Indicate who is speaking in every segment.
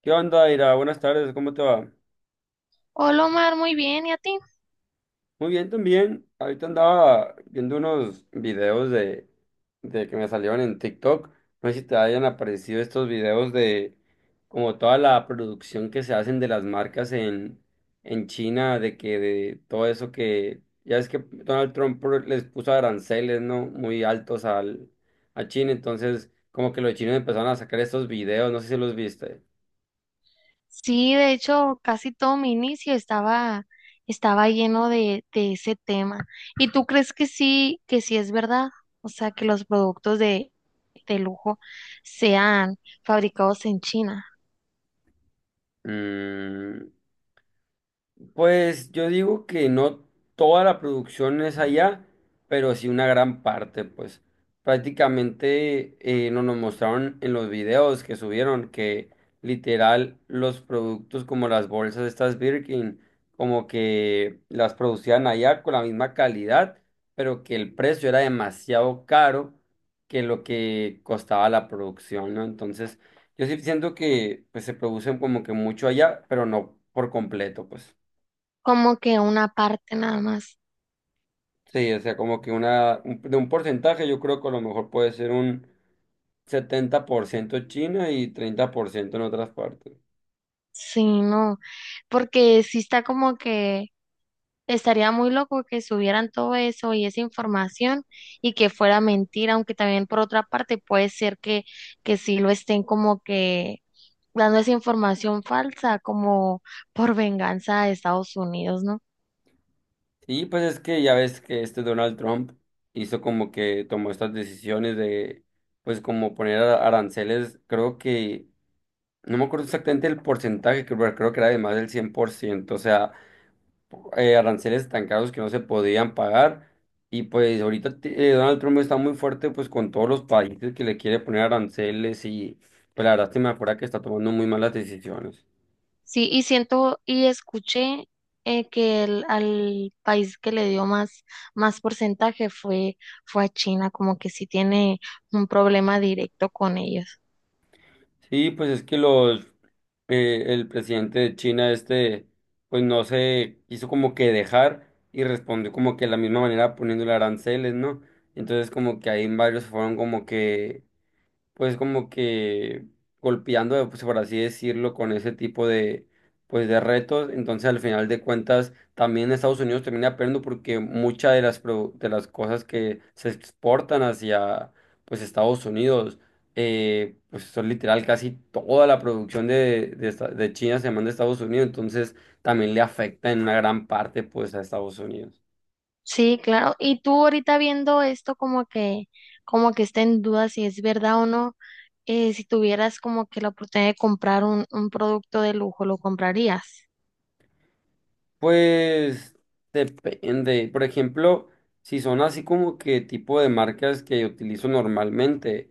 Speaker 1: ¿Qué onda, Ira? Buenas tardes, ¿cómo te va?
Speaker 2: Hola Omar, muy bien, ¿y a ti?
Speaker 1: Muy bien también. Ahorita andaba viendo unos videos de que me salieron en TikTok. No sé si te hayan aparecido estos videos de como toda la producción que se hacen de las marcas en China, de que de todo eso que ya es que Donald Trump les puso aranceles, ¿no? Muy altos a China. Entonces como que los chinos empezaron a sacar estos videos, no sé si los viste.
Speaker 2: Sí, de hecho, casi todo mi inicio estaba lleno de ese tema. ¿Y tú crees que sí es verdad? O sea, que los productos de lujo sean fabricados en China,
Speaker 1: Mm. Pues yo digo que no toda la producción es allá, pero sí una gran parte. Pues prácticamente no nos mostraron en los videos que subieron que literal los productos como las bolsas estas Birkin, como que las producían allá con la misma calidad, pero que el precio era demasiado caro que lo que costaba la producción, ¿no? Entonces yo sí siento que pues se producen como que mucho allá, pero no por completo, pues.
Speaker 2: como que una parte nada más.
Speaker 1: Sí, o sea, como que de un porcentaje, yo creo que a lo mejor puede ser un 70% China y 30% en otras partes.
Speaker 2: Sí, no, porque sí está como que estaría muy loco que subieran todo eso y esa información y que fuera mentira, aunque también por otra parte puede ser que sí lo estén como que dando esa información falsa como por venganza de Estados Unidos, ¿no?
Speaker 1: Y pues es que ya ves que este Donald Trump hizo como que tomó estas decisiones pues como poner aranceles. Creo que, no me acuerdo exactamente el porcentaje, creo, pero creo que era de más del 100%. O sea, aranceles tan caros que no se podían pagar. Y pues ahorita Donald Trump está muy fuerte pues con todos los países que le quiere poner aranceles, y pues la verdad se me acuerda que está tomando muy malas decisiones.
Speaker 2: Sí, y siento y escuché que al país que le dio más porcentaje fue a China, como que sí tiene un problema directo con ellos.
Speaker 1: Sí, pues es que los el presidente de China este pues no se hizo como que dejar y respondió como que de la misma manera poniéndole aranceles, ¿no? Entonces como que ahí varios fueron como que pues como que golpeando, pues por así decirlo, con ese tipo de, pues de retos. Entonces, al final de cuentas, también Estados Unidos termina perdiendo porque muchas de de las cosas que se exportan hacia, pues, Estados Unidos, pues son literal casi toda la producción de China se manda a Estados Unidos. Entonces, también le afecta en una gran parte, pues, a Estados Unidos.
Speaker 2: Sí, claro. Y tú ahorita viendo esto como que está en duda si es verdad o no, si tuvieras como que la oportunidad de comprar un producto de lujo, ¿lo comprarías?
Speaker 1: Pues depende. Por ejemplo, si son así como que tipo de marcas que utilizo normalmente,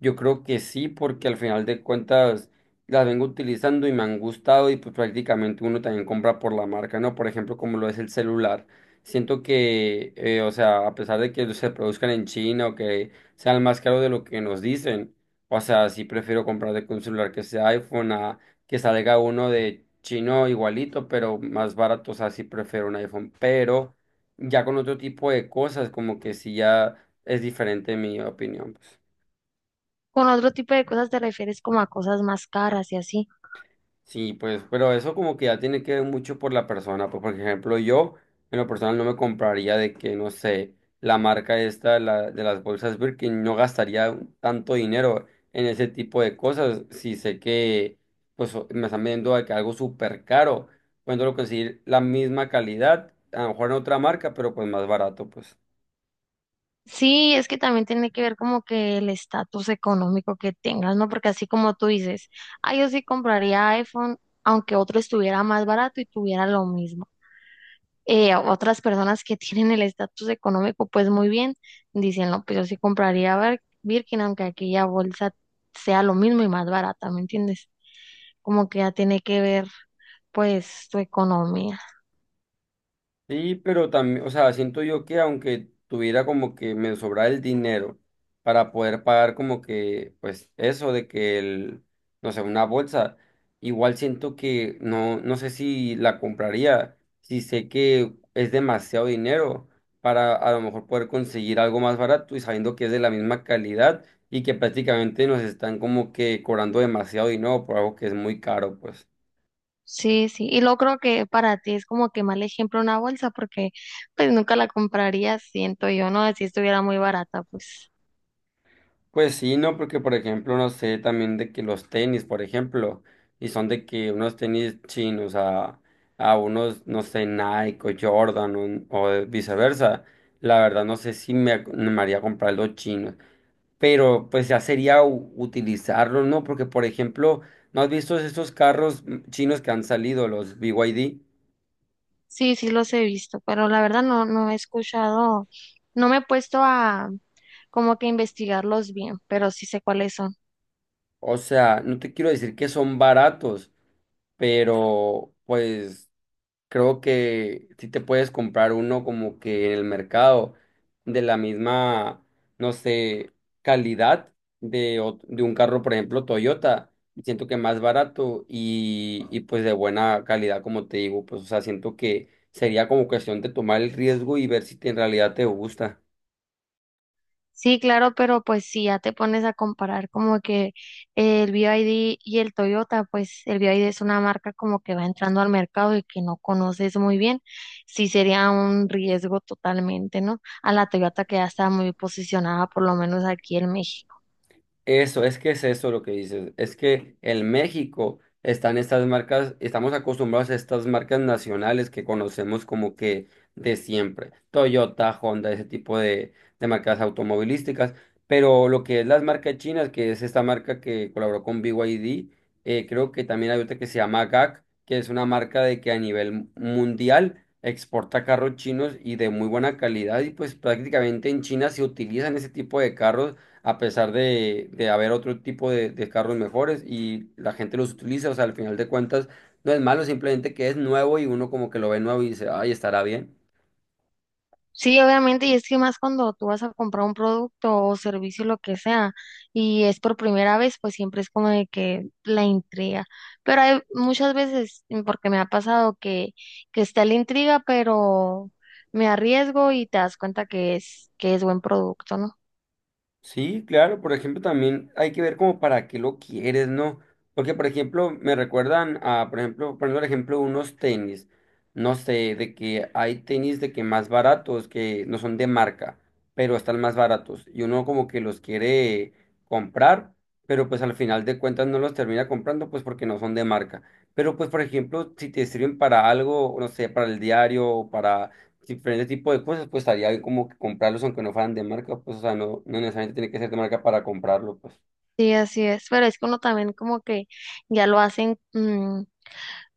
Speaker 1: yo creo que sí, porque al final de cuentas las vengo utilizando y me han gustado, y pues prácticamente uno también compra por la marca, ¿no? Por ejemplo, como lo es el celular. Siento que, o sea, a pesar de que se produzcan en China o que sean más caros de lo que nos dicen, o sea, sí prefiero comprar de que un celular que sea iPhone que salga uno de chino igualito, pero más barato. O sea, sí prefiero un iPhone, pero ya con otro tipo de cosas, como que sí ya es diferente mi opinión, pues.
Speaker 2: Con otro tipo de cosas te refieres como a cosas más caras y así.
Speaker 1: Sí, pues, pero eso como que ya tiene que ver mucho por la persona. Pues, por ejemplo, yo en lo personal no me compraría de que, no sé, la marca esta de las bolsas Birkin, no gastaría tanto dinero en ese tipo de cosas si sé que pues me están vendiendo de que algo súper caro. Puedo conseguir la misma calidad, a lo mejor en otra marca, pero pues más barato, pues.
Speaker 2: Sí, es que también tiene que ver como que el estatus económico que tengas, ¿no? Porque así como tú dices, ah, yo sí compraría iPhone, aunque otro estuviera más barato y tuviera lo mismo. Otras personas que tienen el estatus económico, pues muy bien, dicen, no, pues yo sí compraría Birkin, aunque aquella bolsa sea lo mismo y más barata, ¿me entiendes? Como que ya tiene que ver, pues, tu economía.
Speaker 1: Sí, pero también, o sea, siento yo que aunque tuviera como que me sobra el dinero para poder pagar como que, pues eso de que el, no sé, una bolsa, igual siento que no, no sé si la compraría, si sé que es demasiado dinero para a lo mejor poder conseguir algo más barato y sabiendo que es de la misma calidad y que prácticamente nos están como que cobrando demasiado dinero por algo que es muy caro, pues.
Speaker 2: Sí, sí, y lo creo que para ti es como que mal ejemplo una bolsa, porque pues nunca la compraría, siento yo, ¿no? Si estuviera muy barata, pues.
Speaker 1: Pues sí, no, porque por ejemplo, no sé también de que los tenis, por ejemplo, y son de que unos tenis chinos a unos, no sé, Nike o Jordan o viceversa, la verdad no sé si me haría comprar los chinos, pero pues ya sería utilizarlos, ¿no? Porque por ejemplo, ¿no has visto esos carros chinos que han salido, los BYD?
Speaker 2: Sí, sí los he visto, pero la verdad no, no he escuchado, no me he puesto a como que investigarlos bien, pero sí sé cuáles son.
Speaker 1: O sea, no te quiero decir que son baratos, pero pues creo que sí te puedes comprar uno como que en el mercado de la misma, no sé, calidad de un carro, por ejemplo, Toyota. Siento que más barato y pues de buena calidad, como te digo, pues o sea, siento que sería como cuestión de tomar el riesgo y ver si en realidad te gusta.
Speaker 2: Sí, claro, pero pues si ya te pones a comparar como que el BYD y D y el Toyota, pues el BYD es una marca como que va entrando al mercado y que no conoces muy bien, sí sería un riesgo totalmente, ¿no? A la Toyota que ya está muy posicionada, por lo menos aquí en México.
Speaker 1: Eso, es que es eso lo que dices. Es que en México están estas marcas, estamos acostumbrados a estas marcas nacionales que conocemos como que de siempre. Toyota, Honda, ese tipo de marcas automovilísticas. Pero lo que es las marcas chinas, que es esta marca que colaboró con BYD, creo que también hay otra que se llama GAC, que es una marca de que a nivel mundial exporta carros chinos y de muy buena calidad. Y pues prácticamente en China se utilizan ese tipo de carros a pesar de haber otro tipo de carros mejores y la gente los utiliza, o sea, al final de cuentas no es malo, simplemente que es nuevo y uno como que lo ve nuevo y dice, ay, estará bien.
Speaker 2: Sí, obviamente, y es que más cuando tú vas a comprar un producto o servicio, lo que sea, y es por primera vez, pues siempre es como de que la intriga. Pero hay muchas veces, porque me ha pasado que está la intriga, pero me arriesgo y te das cuenta que es buen producto, ¿no?
Speaker 1: Sí, claro, por ejemplo, también hay que ver como para qué lo quieres, ¿no? Porque, por ejemplo, me recuerdan a, por ejemplo, poniendo el ejemplo, unos tenis, no sé, de que hay tenis de que más baratos, que no son de marca, pero están más baratos, y uno como que los quiere comprar, pero pues al final de cuentas no los termina comprando, pues porque no son de marca. Pero pues, por ejemplo, si te sirven para algo, no sé, para el diario o para diferentes tipos de cosas, pues estaría bien como que comprarlos aunque no fueran de marca, pues o sea, no, no necesariamente tiene que ser de marca para comprarlo, pues.
Speaker 2: Sí, así es. Pero es que uno también como que ya lo hacen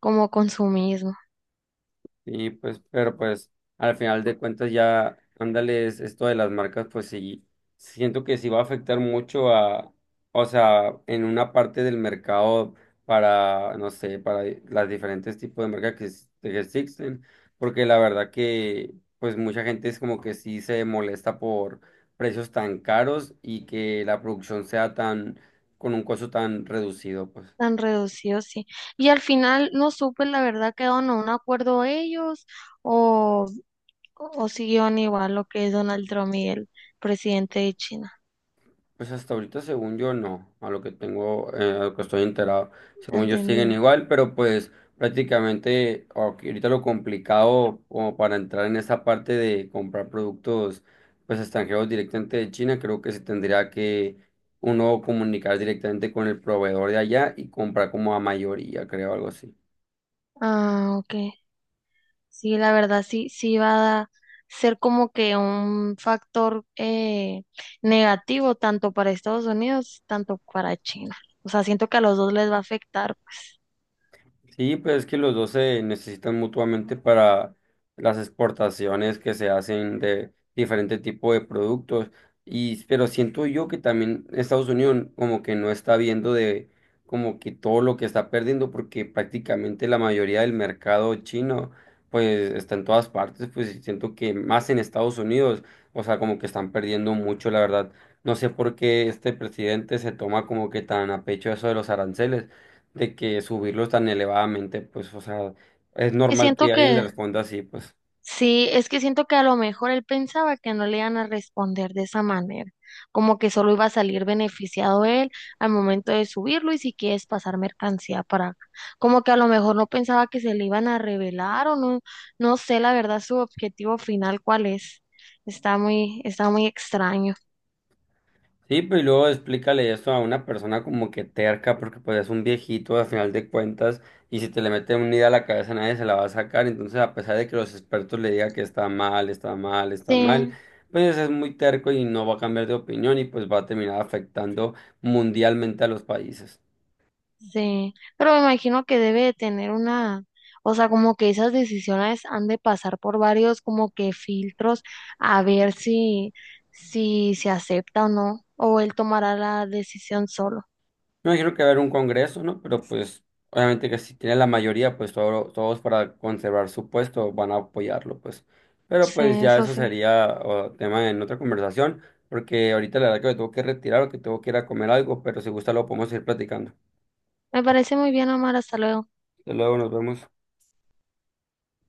Speaker 2: como consumismo.
Speaker 1: Y pues, pero pues al final de cuentas ya, ándales, esto de las marcas, pues sí, siento que sí va a afectar mucho a, o sea, en una parte del mercado para, no sé, para las diferentes tipos de marcas que, que existen, porque la verdad que, pues mucha gente es como que sí se molesta por precios tan caros y que la producción sea tan, con un costo tan reducido, pues.
Speaker 2: Tan reducido, sí. Y al final no supe, la verdad, quedaron a un acuerdo ellos o siguieron igual lo que es Donald Trump y el presidente de China.
Speaker 1: Pues hasta ahorita, según yo, no, a lo que tengo, a lo que estoy enterado, según yo siguen
Speaker 2: Entendida.
Speaker 1: igual, pero pues prácticamente ok, ahorita lo complicado como para entrar en esa parte de comprar productos pues extranjeros directamente de China, creo que se tendría que uno comunicar directamente con el proveedor de allá y comprar como a mayoría, creo, algo así.
Speaker 2: Ah, ok. Sí, la verdad sí, sí va a ser como que un factor negativo tanto para Estados Unidos, tanto para China. O sea, siento que a los dos les va a afectar, pues.
Speaker 1: Sí, pues es que los dos se necesitan mutuamente para las exportaciones que se hacen de diferente tipo de productos. Y, pero siento yo que también Estados Unidos como que no está viendo de como que todo lo que está perdiendo, porque prácticamente la mayoría del mercado chino pues está en todas partes, pues y siento que más en Estados Unidos, o sea, como que están perdiendo mucho, la verdad. No sé por qué este presidente se toma como que tan a pecho eso de los aranceles de que subirlos tan elevadamente, pues, o sea, es
Speaker 2: Y
Speaker 1: normal
Speaker 2: siento
Speaker 1: que alguien le
Speaker 2: que
Speaker 1: responda así, pues.
Speaker 2: Sí, es que siento que a lo mejor él pensaba que no le iban a responder de esa manera, como que solo iba a salir beneficiado él al momento de subirlo y si quieres pasar mercancía para acá, como que a lo mejor no pensaba que se le iban a revelar o no, no sé la verdad su objetivo final cuál es, está muy extraño.
Speaker 1: Sí, pero y luego explícale eso a una persona como que terca, porque pues es un viejito al final de cuentas, y si te le mete una idea a la cabeza nadie se la va a sacar, entonces a pesar de que los expertos le digan que está mal, está mal, está mal,
Speaker 2: Sí.
Speaker 1: pues es muy terco y no va a cambiar de opinión y pues va a terminar afectando mundialmente a los países.
Speaker 2: Sí, pero me imagino que debe de tener una, o sea, como que esas decisiones han de pasar por varios como que filtros a ver si se acepta o no, o él tomará la decisión solo.
Speaker 1: Me imagino que va a haber un congreso, ¿no? Pero pues obviamente que si tiene la mayoría, pues todos para conservar su puesto van a apoyarlo, pues. Pero
Speaker 2: Sí,
Speaker 1: pues ya
Speaker 2: eso
Speaker 1: eso
Speaker 2: sí.
Speaker 1: sería tema en otra conversación, porque ahorita la verdad que me tengo que retirar o que tengo que ir a comer algo, pero si gusta lo podemos ir platicando.
Speaker 2: Me parece muy bien, Omar, hasta luego.
Speaker 1: Hasta luego, nos vemos.